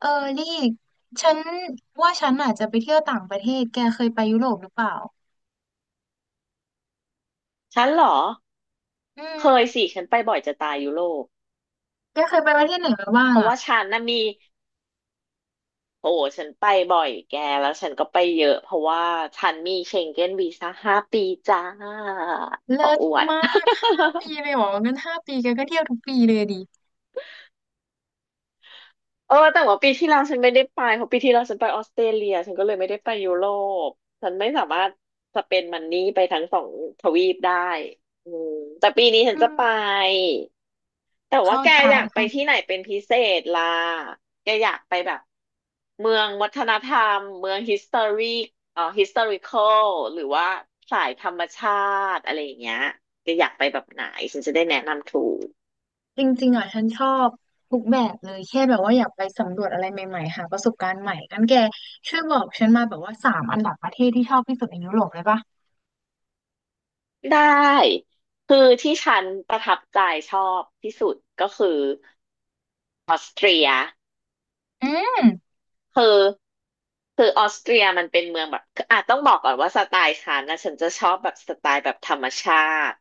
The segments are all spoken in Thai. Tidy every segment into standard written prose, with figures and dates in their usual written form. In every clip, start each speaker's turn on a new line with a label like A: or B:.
A: เออนี่ฉันว่าฉันอาจจะไปเที่ยวต่างประเทศแกเคยไปยุโรปหรือเปล่า
B: ฉันเหรอ
A: อื
B: เคย
A: ม
B: สิฉันไปบ่อยจะตายยุโรป
A: แกเคยไปประเทศไหนมาบ้า
B: เพ
A: ง
B: ราะ
A: อ่ะ
B: ว่าฉันน่ะมีโอ้โหฉันไปบ่อยแกแล้วฉันก็ไปเยอะเพราะว่าฉันมีเชงเก้นวีซ่า5 ปีจ้าข
A: เลิ
B: อ
A: ศ
B: อวด
A: มากห้าปี เลยเหรองั้นห้าปีแกก็เที่ยวทุกปีเลยดิ
B: เออแต่ว่าปีที่แล้วฉันไม่ได้ไปเพราะปีที่แล้วฉันไปออสเตรเลียฉันก็เลยไม่ได้ไปยุโรปฉันไม่สามารถสเปนมันนี่ไปทั้งสองทวีปได้อืมแต่ปีนี้ฉั
A: อื
B: นจะ
A: ม
B: ไป แต่ว่า
A: เข้า
B: แก
A: ใจ
B: อยากไป
A: เข้า
B: ที่ไหนเป็นพิเศษล่ะแกอยากไปแบบเมืองวัฒนธรรมเมือง history historical หรือว่าสายธรรมชาติอะไรอย่างเงี้ยแกอยากไปแบบไหนฉันจะได้แนะนำถูก
A: จริงๆอ่ะฉันชอบทุกแบบเลยแค่แบบว่าอยากไปสำรวจอะไรใหม่ๆหาประสบการณ์ใหม่งั้นแกช่วยบอกฉันมาแบบว่าสามอันดับประเทศที่ชอบที่สุดในยุโรปเลยปะ
B: ได้คือที่ฉันประทับใจชอบที่สุดก็คือออสเตรีย
A: อืม
B: คือคือออสเตรียมันเป็นเมืองแบบคืออาจต้องบอกก่อนว่าสไตล์ฉันนะฉันจะชอบแบบสไตล์แบบธรรมชาติ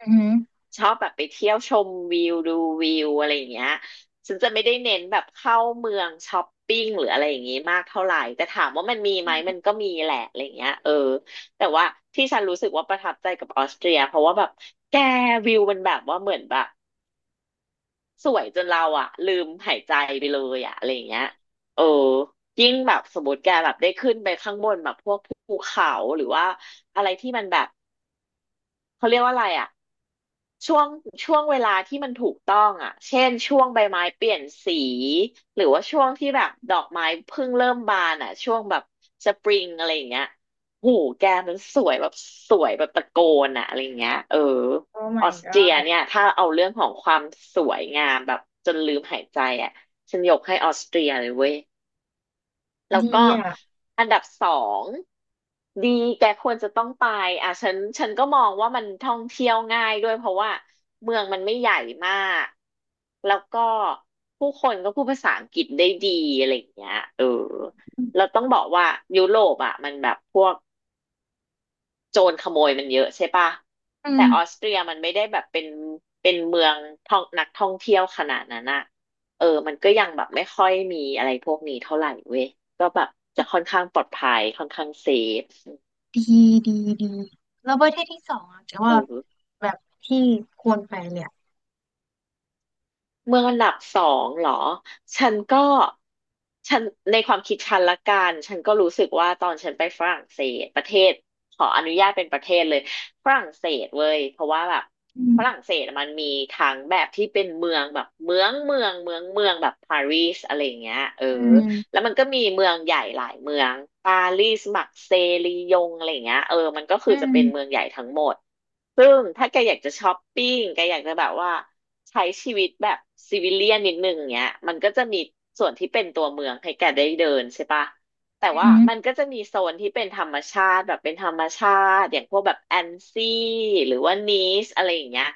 A: อืม
B: ชอบแบบไปเที่ยวชมวิวดูวิวอะไรอย่างเงี้ยฉันจะไม่ได้เน้นแบบเข้าเมืองช้อปปิ้งหรืออะไรอย่างงี้มากเท่าไหร่แต่ถามว่ามันมีไหมมันก็มีแหละอะไรอย่างเงี้ยเออแต่ว่าที่ฉันรู้สึกว่าประทับใจกับออสเตรียเพราะว่าแบบแกวิวมันแบบว่าเหมือนแบบสวยจนเราอะลืมหายใจไปเลยอะอะไรอย่างเงี้ยเออยิ่งแบบสมมติแกแบบได้ขึ้นไปข้างบนแบบพวกภูเขาหรือว่าอะไรที่มันแบบเขาเรียกว่าอะไรอะ ช่วงช่วงเวลาที่มันถูกต้องอ่ะเช่นช่วงใบไม้เปลี่ยนสี หรือว่าช่วงที่แบบดอกไม้เพิ่งเริ่มบานอ่ะช่วงแบบสปริงอะไรอย่างเงี้ยหูแกมันสวยแบบสวยแบบตะโกนอ่ะอะไรอย่างเงี้ยเออ
A: โอ้
B: อ
A: my
B: อสเตรีย
A: god
B: เนี่ยถ้าเอาเรื่องของความสวยงามแบบจนลืมหายใจอ่ะฉันยกให้ออสเตรียเลยเว้ย แล้ว
A: ดี
B: ก็
A: อ่ะ
B: อันดับสองดีแกควรจะต้องไปอ่ะฉันก็มองว่ามันท่องเที่ยวง่ายด้วยเพราะว่าเมืองมันไม่ใหญ่มากแล้วก็ผู้คนก็พูดภาษาอังกฤษได้ดีอะไรอย่างเงี้ยเออเราต้องบอกว่ายุโรปอ่ะมันแบบพวก โจรขโมยมันเยอะใช่ปะ
A: อื
B: แต่
A: ม
B: ออสเตรียมันไม่ได้แบบเป็นเป็นเมืองท่องนักท่องเที่ยวขนาดนั้นอะเออมันก็ยังแบบไม่ค่อยมีอะไรพวกนี้เท่าไหร่เว้ยก็แบบจะค่อนข้างปลอดภัยค่อนข้างเซฟ
A: ดีดีดีแล้วประเทศที่สองอ่ะแต่
B: เอ
A: ว่า
B: อ
A: แบบที่ควรไปเลยอะ
B: เมืองอันดับสองเหรอ ฉันก็ฉันในความคิดฉันละกัน ฉันก็รู้สึกว่าตอนฉันไปฝรั่งเศสประเทศขออนุญาตเป็นประเทศเลย ฝรั่งเศสเว้ยเพราะว่าแบบ
A: อืม
B: ฝรั่งเศสมันมีทั้งแบบที่เป็นเมืองแบบเมืองแบบปารีสอะไรอย่างเงี้ยเออ
A: อื
B: แล้ว
A: ม
B: มันก็มีเมืองใหญ่หลายเมืองปารีสมักเซย์ลียงอะไรอย่างเงี้ยเออมันก็คือ
A: อื
B: จะ
A: ม
B: เป็นเมืองใหญ่ทั้งหมดซึ่งถ้าแกอยากจะช้อปปิ้งแกอยากจะแบบว่าใช้ชีวิตแบบซิวิเลียนนิดนึงเงี้ยมันก็จะมีส่วนที่เป็นตัวเมืองให้แกได้เดินใช่ปะแต่
A: อื
B: ว่า
A: ม
B: มันก็จะมีโซนที่เป็นธรรมชาติแบบเป็นธรรมชาติอย่างพวกแบบแอนซี่หรือว่านีสอะไรอย่างเงี้ย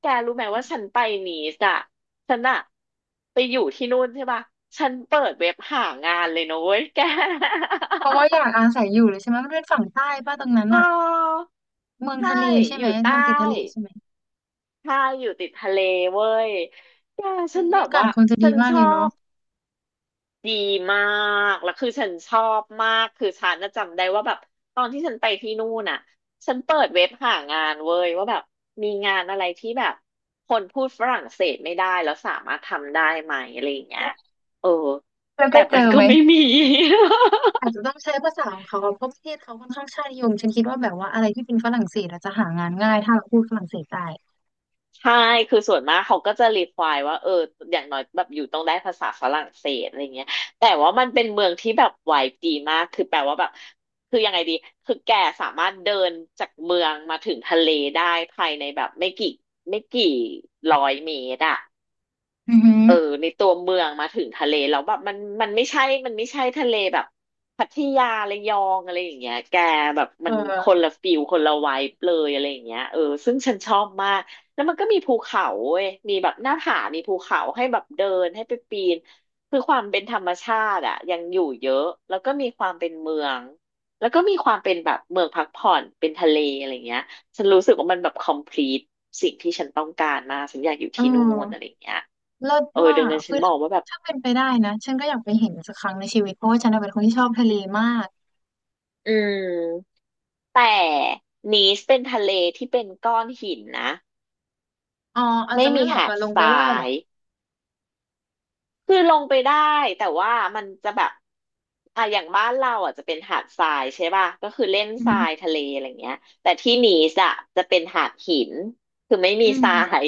B: แกรู้ไหมว่าฉันไปนีสอะ ฉันอะไปอยู่ที่นู่นใช่ป่ะฉันเปิดเว็บหางานเลยนะเว้ยแก
A: เพราะว่าอยากอา ศัยอยู่เลยใช่ไหมมันเป็นฝั่งใต้ป่ะตรงนั้น
B: เ
A: อ่ะ
B: ออ
A: เมือง
B: ใช่
A: ทะเลใช่
B: อ
A: ไหม
B: ยู่
A: เมื
B: ใต้
A: องติดทะเลใช่ไหม
B: ใช่อยู่ติดทะเลเว้ยแกฉั
A: อุ้
B: น
A: ย
B: แบ
A: อา
B: บ
A: กาศ
B: ว่า
A: คงจะดี
B: ฉัน
A: มาก
B: ช
A: เล
B: อ
A: ยเนาะ
B: บ ดีมาก แล้วคือฉันชอบมาก คือฉันน่ะจำได้ว่าแบบตอนที่ฉันไปที่นู่นน่ะ ฉันเปิดเว็บหางานเว้ยว่าแบบมีงานอะไรที่แบบคนพูดฝรั่งเศสไม่ได้แล้วสามารถทำได้ไหมอะไรอย่างเงี้
A: แล
B: ย
A: ะ
B: เออ
A: แล้ว
B: แต่
A: ก็เจอ
B: มันก็
A: ไหม
B: ไม่มี
A: อาจ จะต้องใช้ภาษาของเขาอะเพราะประเทศเขาค่อนข้างชาตินิยมฉันคิดว่าแบบว่าอะไรที่เป็นฝรั่งเศสอาจจะหางานง่ายถ้าเราพูดฝรั่งเศสได้
B: ใช่ คือส่วนมากเขาก็จะรีควายว่าเอออย่างน้อยแบบอยู่ต้องได้ภาษาฝรั่งเศสอะไรเงี้ยแต่ว่ามันเป็นเมืองที่แบบไวบ์ดีมาก คือแปลว่าแบบคือยังไงดี คือแกสามารถเดินจากเมืองมาถึงทะเลได้ภายในแบบไม่กี่ร้อยเมตรอะ
A: อือหือ
B: เออในตัวเมืองมาถึงทะเลแล้วแบบมันไม่ใช่ทะเลแบบพัทยาระยองอะไรอย่างเงี้ยแกแบบ
A: เ
B: มันค
A: ออ
B: นละฟิลคนละไวบ์เลยอะไรอย่างเงี้ยเออซึ่งฉันชอบมากแล้วมันก็มีภูเขาเว้ยมีแบบหน้าผามีภูเขาให้แบบเดินให้ไปปีนคือความเป็นธรรมชาติอะยังอยู่เยอะแล้วก็มีความเป็นเมืองแล้วก็มีความเป็นแบบเมืองพักผ่อนเป็นทะเลอะไรอย่างเงี้ย ฉันรู้สึกว่ามันแบบ complete สิ่งที่ฉันต้องการมากฉันอยากอยู่
A: เอ
B: ที่นู่นอะไร
A: อ
B: อย่างเงี้ย
A: เลิศ
B: เออ
A: มา
B: ดัง
A: ก
B: นั้นฉั
A: คื
B: น
A: อ
B: บอ
A: ถ้า
B: กว่าแบบ
A: ถ้าเป็นไปได้นะฉันก็อยากไปเห็นสักครั้งในชีวิตเพราะว่าฉันน่ะเป็นคนที่ชอบทะเลมาก
B: อืม แต่นีสเป็นทะเลที่เป็นก้อนหินนะ
A: อ๋ออาจ
B: ไม่
A: จะไม่
B: มี
A: เหมาะ
B: หา
A: กั
B: ด
A: บลง
B: ท
A: ไป
B: รา
A: ว่ายเหรอ
B: ย คือลงไปได้แต่ว่ามันจะแบบอ่ะอย่างบ้านเราอ่ะจะเป็นหาดทรายใช่ป่ะก็คือเล่น
A: อือ
B: ท
A: หื
B: รา
A: อ
B: ยทะเลอะไรเงี้ยแต่ที่นีสอ่ะจะเป็นหาดหินคือไม่มี
A: อื
B: ท
A: ม
B: ราย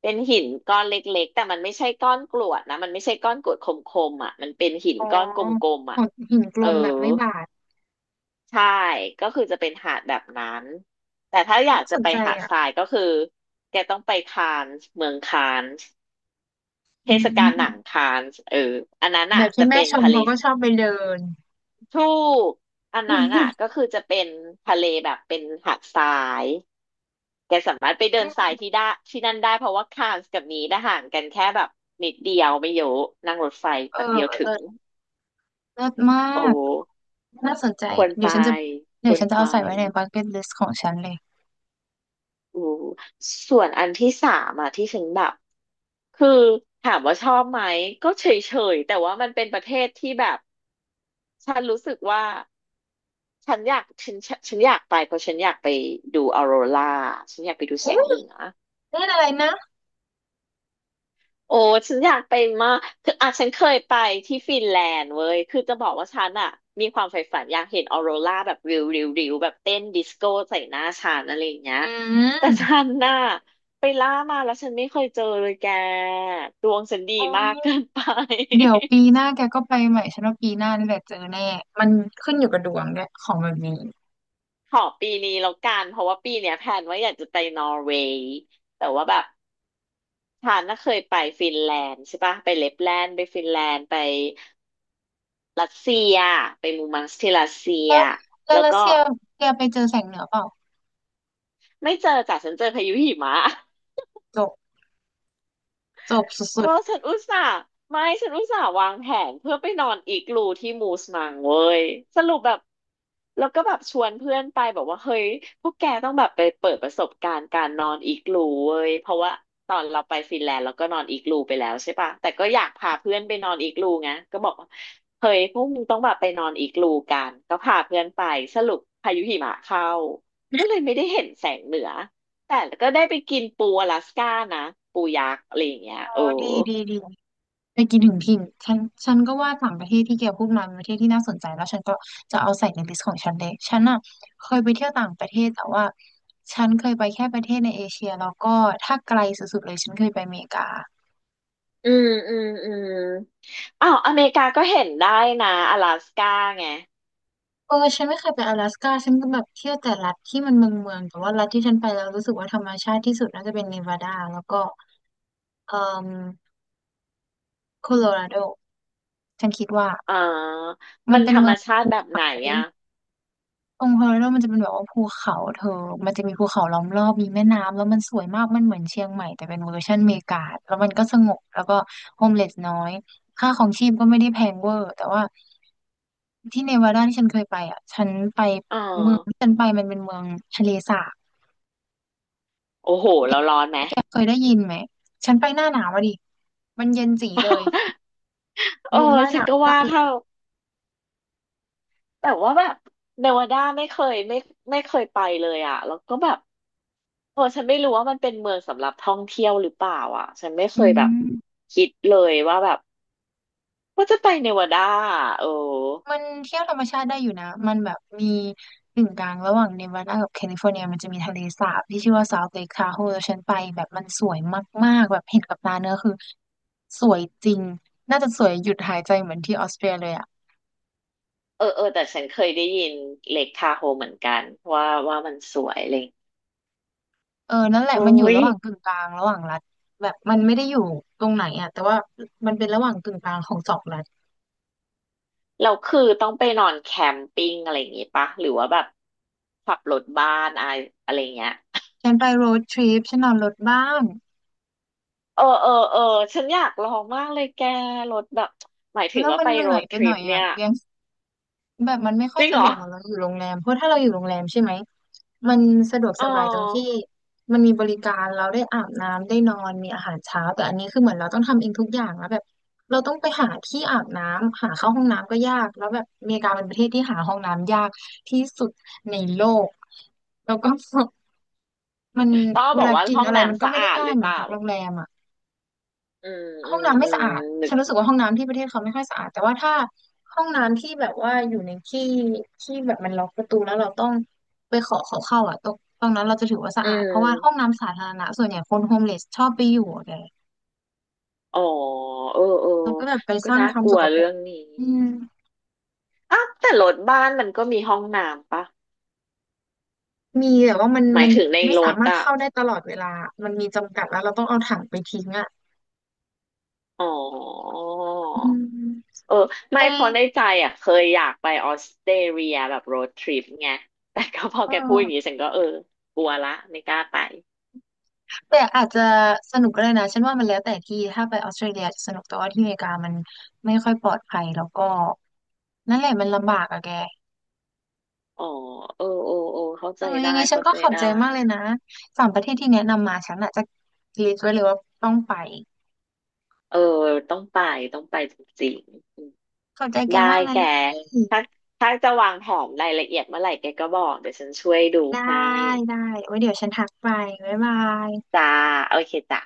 B: เป็นหินก้อนเล็กๆแต่มันไม่ใช่ก้อนกรวดนะมันไม่ใช่ก้อนกรวดคมๆอ่ะมันเป็นหิน
A: อ๋อ
B: ก้อนกลมๆ
A: ห
B: อ่ะ
A: ดหินกล
B: เออ
A: มแบบไม่บาด
B: ใช่ก็คือจะเป็นหาดแบบนั้นแต่ถ้าอยาก
A: น่าส
B: จะ
A: น
B: ไป
A: ใจ
B: หาด
A: อ่ะ
B: ทรายก็คือแกต้องไปคานส์เมืองคานส์ เท
A: อื
B: ศกาลหนัง
A: ม
B: คานส์เอออันนั้น
A: แบ
B: อ่ะ
A: บที่
B: จะ
A: แม่
B: เป็น
A: ชม
B: ทะเล
A: เขาก็ชอบไปเดิน
B: ทูกอัน
A: อื
B: นั้น
A: ม
B: อ่ะก็คือจะเป็นทะเลแบบเป็นหาดทรายแกสามารถไปเดินทราย ที่ได้ที่นั่นได้เพราะว่าคานส์กับนีดห่างกันแค่แบบนิดเดียวไม่เยอะนั่งรถไฟ
A: เอ
B: แบ
A: อ
B: บเดียวถึ
A: เลิ
B: ง
A: ศเลิศมา
B: โอ้
A: กน่าสนใจ
B: ควร
A: เดี๋ย
B: ไป
A: วฉันจะ
B: ค
A: เดี๋ยว
B: วร
A: ฉันจะ
B: ไป
A: เอาใส่ไว้ในบักเก็ตลิสต์ของฉันเลย
B: อู้ส่วนอันที่สามอ่ะที่ฉันแบบคือถามว่าชอบไหมก็เฉยๆแต่ว่ามันเป็นประเทศที่แบบฉันรู้สึกว่า ฉันอยากฉันฉันฉันอยากไปเพราะฉันอยากไปดูออโรราฉันอยากไปดูแส
A: อุ้
B: ง
A: ย
B: เหนือ
A: เล่นอะไรนะ
B: โอ้ฉันอยากไปมากคืออ่ะฉันเคยไปที่ฟินแลนด์เว้ยคือจะบอกว่าฉันอ่ะมีความใฝ่ฝันอยากเห็นออโรราแบบริวแบบเต้นดิสโก้ใส่หน้าฉันอะไรอย่างเงี้ย
A: อื
B: แต่
A: ม
B: ฉันน่ะไปล่ามาแล้วฉันไม่เคยเจอเลยแกดวงฉันดี
A: โอ้
B: มา
A: ย
B: กเกินไป
A: เดี๋ยวปีห น้าแกก็ไปใหม่ฉันว่าปีหน้านี่แหละเจอแน่มันขึ้นอยู่กับดวงด้วยของแบบนี้
B: ขอปีนี้แล้วกันเพราะว่าปีเนี้ยแพลนว่าอยากจะไปนอร์เวย์แต่ว่าแบบ ฉันน่ะเคยไปฟินแลนด์ใช่ปะไปเลปแลนด์ ไปฟินแลนด์ ไปรัสเซีย ไปมูมังสที่รัสเซีย
A: แล้วแล้ว
B: แล้ว
A: รัส
B: ก็
A: เซียแกไปเจอแสงเหนือเปล่า
B: ไม่เจอจ้ะฉันเจอพายุหิมะ
A: จบจบส
B: เอ
A: ุ
B: อ
A: ด
B: ฉันอุตส่าห์ไม่ฉันอุตส่าห์วางแผนเพื่อไปนอนอีกลูที่มูสมังเว้ยสรุปแบบแล้วก็แบบชวนเพื่อนไปบอกว่าเฮ้ยพวกแกต้องแบบไปเปิดประสบการณ์การนอนอีกลูเว้ยเพราะว่าตอนเราไปฟินแลนด์เราก็นอนอีกลูไปแล้วใช่ปะแต่ก็อยากพาเพื่อนไปนอนอีกลูไงก็บอกว่าเฮ้ยพวกมึงต้องแบบไปนอนอีกลูกันก็พาเพื่อนไปสรุปพายุหิมะเข้าก็เลยไม่ได้เห็นแสงเหนือ แต่ก็ได้ไปกินปูอลาสก้านะปูยักษ์อะไรอย่างเงี้ย
A: ๆโอ้
B: โอ้
A: ดีดีดีไปกินถึงถิ่นฉันฉันก็ว่าต่างประเทศที่แกพูดมาเป็นประเทศที่น่าสนใจแล้วฉันก็จะเอาใส่ในลิสต์ของฉันเลยฉันอ่ะเคยไปเที่ยวต่างประเทศแต่ว่าฉันเคยไปแค่ประเทศในเอเชียแล้วก็ถ้าไกลสุดๆเลยฉันเคยไปอเมริกา
B: อืมอืมอืมอ้าวอเมริกาก็เห็นได้นะอลาสก้าไง
A: เออฉันไม่เคยไปอลาสก้าฉันก็แบบเที่ยวแต่รัฐที่มันเมืองเมืองแต่ว่ารัฐที่ฉันไปแล้วรู้สึกว่าธรรมชาติที่สุดน่าจะเป็นเนวาดาแล้วก็เอ่อโคโลราโดฉันคิดว่า
B: เออ
A: มั
B: มั
A: น
B: น
A: เป็
B: ธ
A: น
B: ร
A: เมื
B: รม
A: อง
B: ชาติ
A: ภู
B: แบบ
A: เขา
B: ไหน
A: ต
B: อ่ะ
A: รงโคโลราโดมันจะเป็นแบบว่าภูเขาเธอมันจะมีภูเขาล้อมรอบมีแม่น้ำแล้วมันสวยมากมันเหมือนเชียงใหม่แต่เป็นเวอร์ชันอเมริกาแล้วมันก็สงบแล้วก็โฮมเลสน้อยค่าของชีพก็ไม่ได้แพงเวอร์แต่ว่าที่เนวาดาที่ฉันเคยไปอ่ะฉันไป
B: เออ
A: เมืองที่ฉันไปมันเป็นเมืองทะเลสาบ
B: โอ้โห
A: แก
B: เราร้อนไหม
A: แกเคยได้ยินไหม ฉันไปหน้าหนาวอะดิ มันเย็นจีเลย
B: เออ
A: ลงว่าย
B: ฉัน
A: น้ำ
B: ก็
A: ไม่ได้
B: ว่า
A: เล
B: ถ้า
A: ย
B: แต่ว่าแบบเนวาดาไม่เคยไปเลยอ่ะแล้วก็แบบโอ้ฉันไม่รู้ว่ามันเป็นเมืองสำหรับท่องเที่ยวหรือเปล่าอ่ะฉันไม่เค
A: อื
B: ยแบบ
A: ม
B: คิดเลยว่าแบบว่าจะไปเนวาดาอะเออ
A: มันเที่ยวธรรมชาติได้อยู่นะ มันแบบมีกึ่งกลางระหว่างเนวาดากับแคลิฟอร์เนียมันจะมีทะเลสาบที่ชื่อว่า South Lake Tahoe แล้วฉันไปแบบมันสวยมากๆแบบเห็นกับตาเนื้อคือสวยจริง น่าจะสวยหยุดหายใจเหมือนที่ออสเตรียเลยอ่ะ
B: เออเออแต่ฉันเคยได้ยินเล็กทาโฮเหมือนกันว่ามันสวยอะไรอย่างเลย
A: เออ นั่นแหละ
B: โอ้
A: มันอยู่
B: ย
A: ระหว่างกึ่งกลางระหว่างรัฐแบบมันไม่ได้อยู่ตรงไหนอ่ะแต่ว่ามันเป็นระหว่างกึ่งกลางของสองรัฐ
B: เราคือต้องไปนอนแคมปิ้งอะไรอย่างงี้ปะหรือว่าแบบขับรถบ้านอะไรอะไรเงี้ย
A: ฉันไปโรดทริปฉันนอนรถบ้าน
B: เออเออเออฉันอยากลองมากเลยแกรถแบบหมาย
A: ฉั
B: ถึ
A: น
B: ง
A: ว่า
B: ว่า
A: มัน
B: ไป
A: เหนื่
B: โร
A: อย
B: ด
A: ไป
B: ท
A: ห
B: ริ
A: น่อ
B: ป
A: ย
B: เนี่
A: อ่ะ
B: ย
A: ยังแบบมันไม่ค่อ
B: จ
A: ย
B: ริง
A: สะ
B: เหร
A: ด
B: อ
A: วกเหมือนเราอยู่โรงแรมเพราะถ้าเราอยู่โรงแรมใช่ไหมมันสะดวกส
B: อ๋อ
A: บายตรงที่มันมีบริการเราได้อาบน้ำได้นอนมีอาหารเช้าแต่อันนี้คือเหมือนเราต้องทำเองทุกอย่างแล้วแบบเราต้องไปหาที่อาบน้ำหาเข้าห้องน้ำก็ยาก แล้วแบบอเมริกาเป็นประเทศที่หาห้องน้ำยากที่สุดในโลกแล้วก็ มัน
B: ต้อง
A: เว
B: บอก
A: ลา
B: ว่า
A: กิน
B: ห้อง
A: อะไรมัน
B: น้ำ
A: ก็
B: สะ
A: ไม่ได้
B: อาด
A: ง่า
B: ห
A: ย
B: รือ
A: เห
B: เป
A: มือน
B: ล่า
A: พักโรงแรมอ่ะ
B: อืม
A: ห้
B: อื
A: อง
B: ม
A: น้ำไม่
B: อืม
A: สะอาด
B: นึ
A: ฉั
B: ก
A: นรู้สึกว่าห้องน้ำที่ประเทศเขาไม่ค่อยสะอาดแต่ว่าถ้าห้องน้ำที่แบบว่าอยู่ในที่ที่แบบมันล็อกประตูแล้วเราต้องไปขอเขาเข้าอ่ะตรงนั้นเราจะถือว่าสะ
B: อื
A: อาด เพราะว่าห้อง
B: ม
A: น้ำสาธารณะส่วนใหญ่คนโฮมเลสชอบไปอยู่แก
B: อ๋อเออเออ
A: แล้วก็แบบไป
B: ก็
A: สร้าง
B: น่า
A: ความ
B: กลั
A: ส
B: ว
A: กปร
B: เรื่
A: ก
B: องนี้
A: อืม
B: อ้าวแต่รถบ้านมันก็มีห้องน้ำปะ
A: มีแต่ว่ามัน
B: หมา
A: มั
B: ย
A: น
B: ถึงใน
A: ไม่
B: ร
A: สา
B: ถ
A: มารถ
B: อะ
A: เข้าได้ตลอดเวลามันมีจำกัดแล้วเราต้องเอาถังไปทิ้งอ่ะ
B: อ๋อ
A: อืม
B: เออ
A: แก
B: ไม่เพราะในใจอะเคยอยากไปออสเตรเลียแบบโรดทริปไงแต่ก็พอ
A: เ
B: แกพูดอย่างนี้
A: ออ
B: ฉันก็เออกลัวละไม่กล้าไป
A: แต่อาจจะสนุกก็ได้นะฉันว่ามันแล้วแต่ที่ถ้าไปออสเตรเลียจะสนุกแต่ว่าที่อเมริกามันไม่ค่อยปลอดภัยแล้วก็นั่นแหละมันลำบากอะแก
B: อ๋อเออเออเออเข้า
A: เอ
B: ใจ
A: อยั
B: ได้
A: งไงฉัน
B: เข้า
A: ก็
B: ใจ
A: ขอบ
B: ได้
A: ใจมากเลยนะสามประเทศที่แนะนำมาฉันอาจจะลิสต์ไว้เลยว่าต้องไป
B: เออต้องไปต้องไปจริงๆอืม
A: ขอบใจแก
B: ได้
A: มากนะ
B: แก
A: ลี่
B: ถ้าถ้าจะวางแผนรายละเอียดเมื่อไหร่แกก็บอกเดี๋ยวฉันช่วยดู
A: ได้
B: ให้
A: ได้ไว้เดี๋ยวฉันทักไปบ๊ายบาย
B: จ้าโอเคจ้ะ